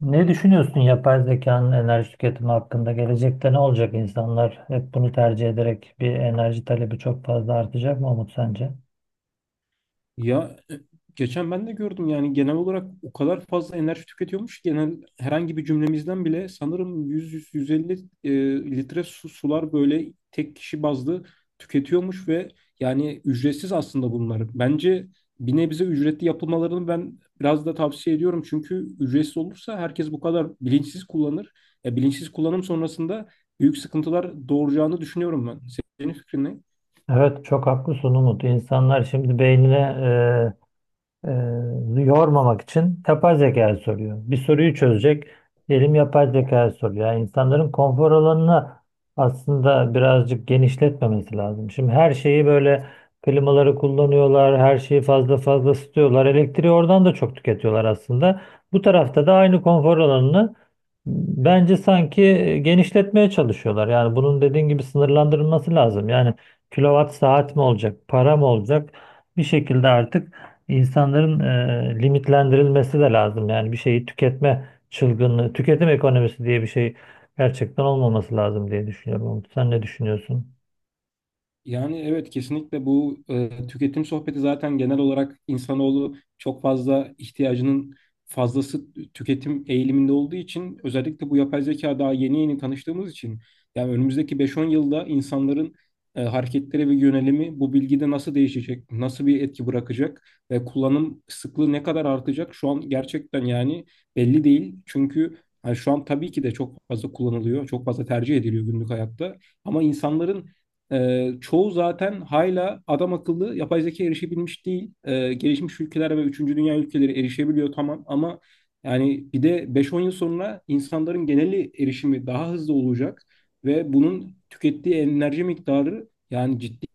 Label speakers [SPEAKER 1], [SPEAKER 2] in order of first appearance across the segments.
[SPEAKER 1] Ne düşünüyorsun yapay zekanın enerji tüketimi hakkında? Gelecekte ne olacak insanlar? Hep bunu tercih ederek bir enerji talebi çok fazla artacak mı Umut sence?
[SPEAKER 2] Ya e, Geçen ben de gördüm, yani genel olarak o kadar fazla enerji tüketiyormuş ki genel herhangi bir cümlemizden bile sanırım 100-150 litre su, sular böyle tek kişi bazlı tüketiyormuş, ve yani ücretsiz aslında bunlar. Bence bir nebze ücretli yapılmalarını ben biraz da tavsiye ediyorum, çünkü ücretsiz olursa herkes bu kadar bilinçsiz kullanır. Bilinçsiz kullanım sonrasında büyük sıkıntılar doğuracağını düşünüyorum ben. Senin fikrin ne?
[SPEAKER 1] Evet çok haklısın Umut. İnsanlar şimdi beynine yormamak için yapay zekaya soruyor. Bir soruyu çözecek. Diyelim yapay zekaya soruyor. Yani insanların konfor alanını aslında birazcık genişletmemesi lazım. Şimdi her şeyi böyle klimaları kullanıyorlar, her şeyi fazla fazla ısıtıyorlar. Elektriği oradan da çok tüketiyorlar aslında. Bu tarafta da aynı konfor alanını bence sanki genişletmeye çalışıyorlar. Yani bunun dediğin gibi sınırlandırılması lazım. Yani kilowatt saat mi olacak, para mı olacak? Bir şekilde artık İnsanların e, limitlendirilmesi de lazım. Yani bir şeyi tüketme çılgınlığı, tüketim ekonomisi diye bir şey gerçekten olmaması lazım diye düşünüyorum. Umut, sen ne düşünüyorsun?
[SPEAKER 2] Yani evet, kesinlikle bu tüketim sohbeti, zaten genel olarak insanoğlu çok fazla ihtiyacının fazlası tüketim eğiliminde olduğu için, özellikle bu yapay zeka daha yeni yeni tanıştığımız için yani önümüzdeki 5-10 yılda insanların hareketleri ve yönelimi bu bilgide nasıl değişecek, nasıl bir etki bırakacak ve kullanım sıklığı ne kadar artacak şu an gerçekten yani belli değil. Çünkü hani şu an tabii ki de çok fazla kullanılıyor, çok fazla tercih ediliyor günlük hayatta, ama insanların çoğu zaten hala adam akıllı yapay zeka erişebilmiş değil. Gelişmiş ülkeler ve üçüncü dünya ülkeleri erişebiliyor, tamam, ama yani bir de beş on yıl sonra insanların geneli erişimi daha hızlı olacak ve bunun tükettiği enerji miktarı yani ciddi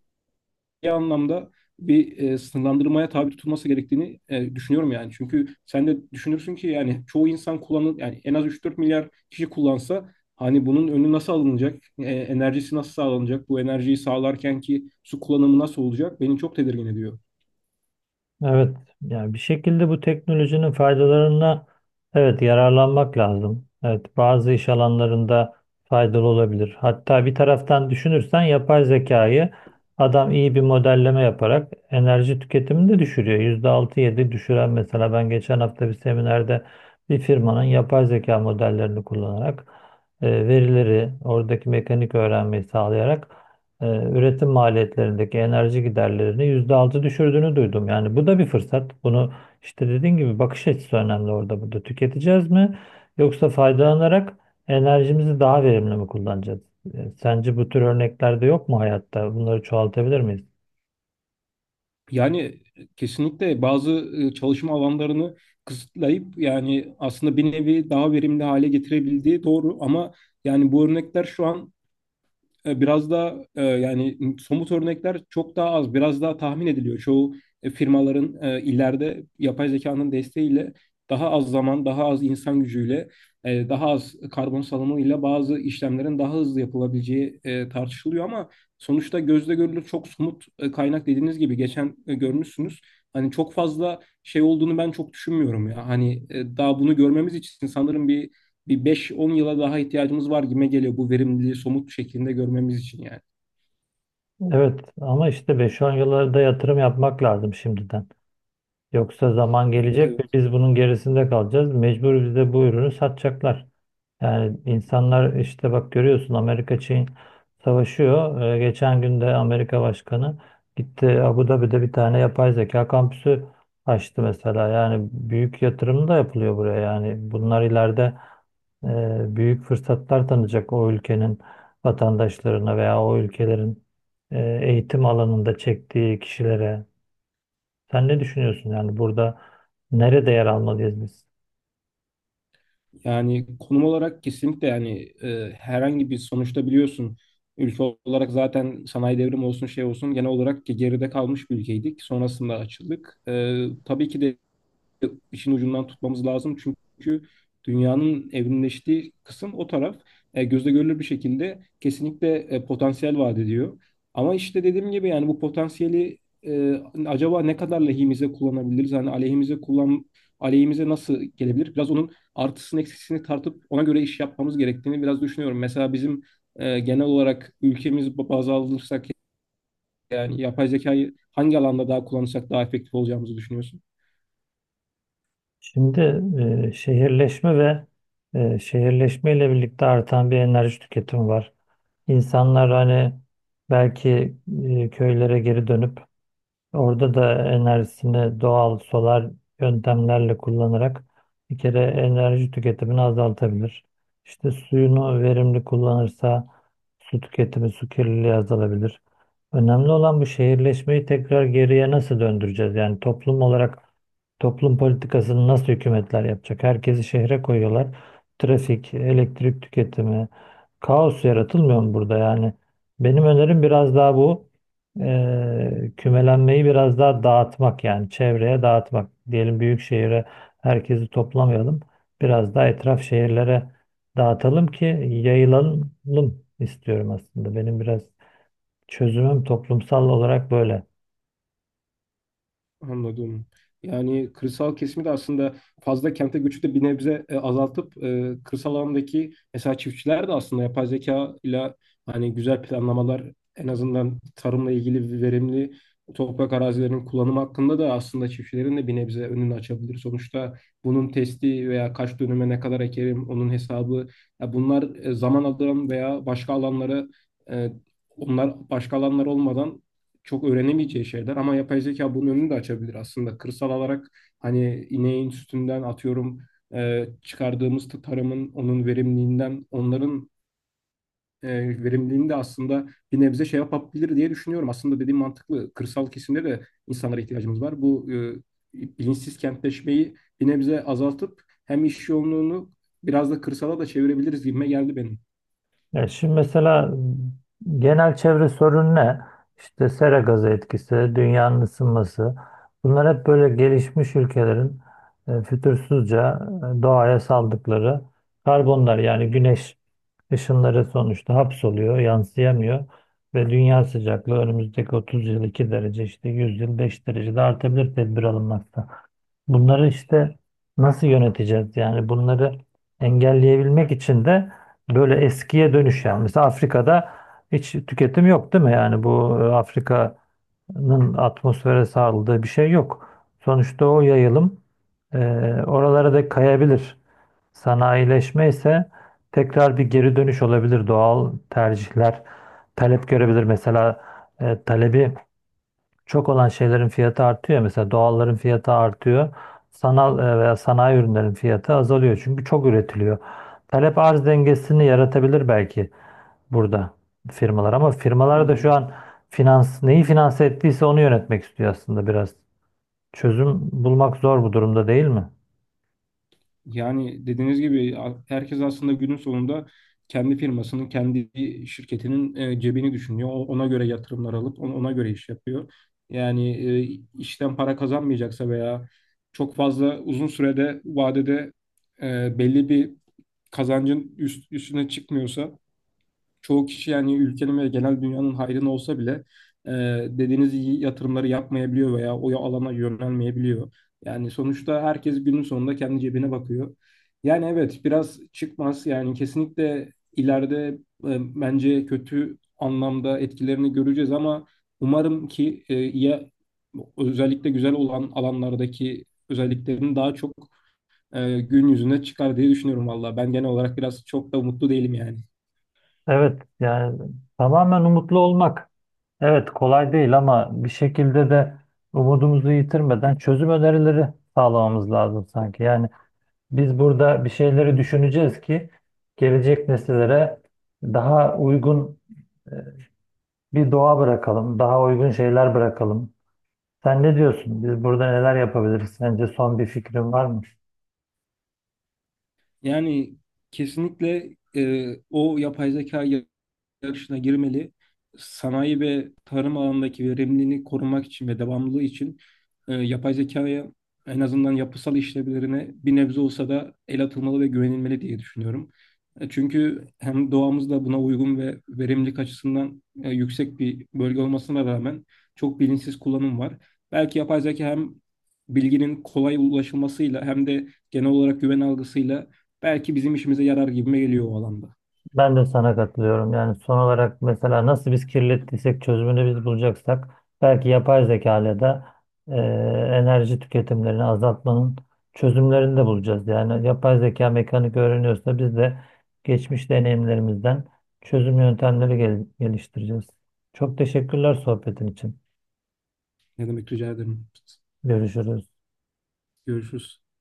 [SPEAKER 2] anlamda bir sınırlandırmaya tabi tutulması gerektiğini düşünüyorum yani. Çünkü sen de düşünürsün ki yani çoğu insan kullanın, yani en az üç dört milyar kişi kullansa, hani bunun önü nasıl alınacak? E, enerjisi nasıl sağlanacak? Bu enerjiyi sağlarken ki su kullanımı nasıl olacak? Beni çok tedirgin ediyor.
[SPEAKER 1] Evet, yani bir şekilde bu teknolojinin faydalarına evet yararlanmak lazım. Evet, bazı iş alanlarında faydalı olabilir. Hatta bir taraftan düşünürsen yapay zekayı adam iyi bir modelleme yaparak enerji tüketimini de düşürüyor. %6-7 düşüren mesela ben geçen hafta bir seminerde bir firmanın yapay zeka modellerini kullanarak verileri oradaki mekanik öğrenmeyi sağlayarak üretim maliyetlerindeki enerji giderlerini %6 düşürdüğünü duydum. Yani bu da bir fırsat. Bunu işte dediğin gibi bakış açısı önemli orada burada. Tüketeceğiz mi yoksa faydalanarak enerjimizi daha verimli mi kullanacağız? Sence bu tür örnekler de yok mu hayatta? Bunları çoğaltabilir miyiz?
[SPEAKER 2] Yani kesinlikle bazı çalışma alanlarını kısıtlayıp yani aslında bir nevi daha verimli hale getirebildiği doğru, ama yani bu örnekler şu an biraz da yani somut örnekler çok daha az, biraz daha tahmin ediliyor. Çoğu firmaların ileride yapay zekanın desteğiyle daha az zaman, daha az insan gücüyle, daha az karbon salımıyla bazı işlemlerin daha hızlı yapılabileceği tartışılıyor, ama sonuçta gözle görülür çok somut kaynak, dediğiniz gibi geçen görmüşsünüz. Hani çok fazla şey olduğunu ben çok düşünmüyorum ya. Hani daha bunu görmemiz için sanırım bir 5-10 yıla daha ihtiyacımız var gibi geliyor, bu verimliliği somut şeklinde görmemiz için yani.
[SPEAKER 1] Evet ama işte beş 10 yıllarda yatırım yapmak lazım şimdiden. Yoksa zaman
[SPEAKER 2] Evet,
[SPEAKER 1] gelecek ve
[SPEAKER 2] evet.
[SPEAKER 1] biz bunun gerisinde kalacağız. Mecbur bize bu ürünü satacaklar. Yani insanlar işte bak görüyorsun Amerika Çin savaşıyor. Geçen gün de Amerika Başkanı gitti Abu Dhabi'de bir tane yapay zeka kampüsü açtı mesela. Yani büyük yatırım da yapılıyor buraya. Yani bunlar ileride büyük fırsatlar tanıyacak o ülkenin vatandaşlarına veya o ülkelerin eğitim alanında çektiği kişilere. Sen ne düşünüyorsun? Yani burada nerede yer almalıyız biz?
[SPEAKER 2] Yani konum olarak kesinlikle yani herhangi bir, sonuçta biliyorsun, ülke olarak zaten sanayi devrimi olsun şey olsun genel olarak geride kalmış bir ülkeydik. Sonrasında açıldık. Tabii ki de işin ucundan tutmamız lazım. Çünkü dünyanın evrimleştiği kısım o taraf. E, gözle görülür bir şekilde kesinlikle potansiyel vaat ediyor. Ama işte dediğim gibi yani bu potansiyeli e, acaba ne kadar lehimize kullanabiliriz? Hani aleyhimize nasıl gelebilir? Biraz onun artısını eksisini tartıp ona göre iş yapmamız gerektiğini biraz düşünüyorum. Mesela bizim genel olarak ülkemiz baz alırsak yani yapay zekayı hangi alanda daha kullanırsak daha efektif olacağımızı düşünüyorsun?
[SPEAKER 1] Şimdi şehirleşme ve şehirleşmeyle birlikte artan bir enerji tüketimi var. İnsanlar hani belki köylere geri dönüp orada da enerjisini doğal solar yöntemlerle kullanarak bir kere enerji tüketimini azaltabilir. İşte suyunu verimli kullanırsa su tüketimi, su kirliliği azalabilir. Önemli olan bu şehirleşmeyi tekrar geriye nasıl döndüreceğiz? Yani toplum olarak toplum politikasını nasıl hükümetler yapacak? Herkesi şehre koyuyorlar. Trafik, elektrik tüketimi, kaos yaratılmıyor mu burada? Yani benim önerim biraz daha bu. Kümelenmeyi biraz daha dağıtmak yani çevreye dağıtmak. Diyelim büyük şehire herkesi toplamayalım. Biraz daha etraf şehirlere dağıtalım ki yayılalım istiyorum aslında. Benim biraz çözümüm toplumsal olarak böyle.
[SPEAKER 2] Anladım. Yani kırsal kesimi de aslında, fazla kente göçü de bir nebze azaltıp, kırsal alandaki mesela çiftçiler de aslında yapay zeka ile hani güzel planlamalar, en azından tarımla ilgili verimli toprak arazilerinin kullanımı hakkında da aslında çiftçilerin de bir nebze önünü açabilir. Sonuçta bunun testi veya kaç dönüme ne kadar ekerim onun hesabı, ya bunlar zaman alan veya başka alanlara e, onlar başka alanlar olmadan çok öğrenemeyeceği şeyler, ama yapay zeka bunun önünü de açabilir aslında. Kırsal olarak hani ineğin sütünden atıyorum çıkardığımız tarımın, onun verimliliğinden, onların e, verimliliğini de aslında bir nebze şey yapabilir diye düşünüyorum. Aslında dediğim mantıklı. Kırsal kesimde de insanlara ihtiyacımız var. Bu bilinçsiz kentleşmeyi bir nebze azaltıp hem iş yoğunluğunu biraz da kırsala da çevirebiliriz gibime geldi benim.
[SPEAKER 1] Ya şimdi mesela genel çevre sorunu ne? İşte sera gazı etkisi, dünyanın ısınması. Bunlar hep böyle gelişmiş ülkelerin fütursuzca doğaya saldıkları karbonlar yani güneş Işınları sonuçta hapsoluyor, yansıyamıyor ve dünya sıcaklığı önümüzdeki 30 yıl 2 derece işte 100 yıl 5 derece de artabilir, tedbir alınmakta. Bunları işte nasıl yöneteceğiz? Yani bunları engelleyebilmek için de böyle eskiye dönüş yani. Mesela Afrika'da hiç tüketim yok değil mi? Yani bu Afrika nın atmosfere sağladığı bir şey yok. Sonuçta o yayılım e, oralara da kayabilir. Sanayileşme ise tekrar bir geri dönüş olabilir. Doğal tercihler talep görebilir. Mesela talebi çok olan şeylerin fiyatı artıyor. Mesela doğalların fiyatı artıyor. Sanal veya sanayi ürünlerin fiyatı azalıyor. Çünkü çok üretiliyor. Talep arz dengesini yaratabilir belki burada firmalar ama firmalar da şu
[SPEAKER 2] Anladım.
[SPEAKER 1] an finans neyi finanse ettiyse onu yönetmek istiyor aslında biraz. Çözüm bulmak zor bu durumda değil mi?
[SPEAKER 2] Yani dediğiniz gibi herkes aslında günün sonunda kendi firmasının, kendi şirketinin cebini düşünüyor. Ona göre yatırımlar alıp ona göre iş yapıyor. Yani işten para kazanmayacaksa veya çok fazla uzun sürede vadede belli bir kazancın üstüne çıkmıyorsa, çoğu kişi yani ülkenin ve genel dünyanın hayrına olsa bile e, dediğiniz iyi yatırımları yapmayabiliyor veya o alana yönelmeyebiliyor. Yani sonuçta herkes günün sonunda kendi cebine bakıyor. Yani evet, biraz çıkmaz, yani kesinlikle ileride bence kötü anlamda etkilerini göreceğiz, ama umarım ki ya özellikle güzel olan alanlardaki özelliklerini daha çok gün yüzüne çıkar diye düşünüyorum valla. Ben genel olarak biraz çok da umutlu değilim yani.
[SPEAKER 1] Evet yani tamamen umutlu olmak. Evet kolay değil ama bir şekilde de umudumuzu yitirmeden çözüm önerileri sağlamamız lazım sanki. Yani biz burada bir şeyleri düşüneceğiz ki gelecek nesillere daha uygun e, bir doğa bırakalım, daha uygun şeyler bırakalım. Sen ne diyorsun? Biz burada neler yapabiliriz? Sence son bir fikrin var mı?
[SPEAKER 2] Yani kesinlikle o yapay zeka yaşına girmeli. Sanayi ve tarım alanındaki verimliliğini korumak için ve devamlılığı için yapay zekaya en azından yapısal işlevlerine bir nebze olsa da el atılmalı ve güvenilmeli diye düşünüyorum. Çünkü hem doğamız da buna uygun ve verimlilik açısından yüksek bir bölge olmasına rağmen çok bilinçsiz kullanım var. Belki yapay zeka hem bilginin kolay ulaşılmasıyla hem de genel olarak güven algısıyla belki bizim işimize yarar gibime geliyor o alanda.
[SPEAKER 1] Ben de sana katılıyorum. Yani son olarak mesela nasıl biz kirlettiysek çözümünü biz bulacaksak belki yapay zeka ile de e, enerji tüketimlerini azaltmanın çözümlerini de bulacağız. Yani yapay zeka mekanik öğreniyorsa biz de geçmiş deneyimlerimizden çözüm yöntemleri geliştireceğiz. Çok teşekkürler sohbetin için.
[SPEAKER 2] Ne demek, rica ederim.
[SPEAKER 1] Görüşürüz.
[SPEAKER 2] Görüşürüz.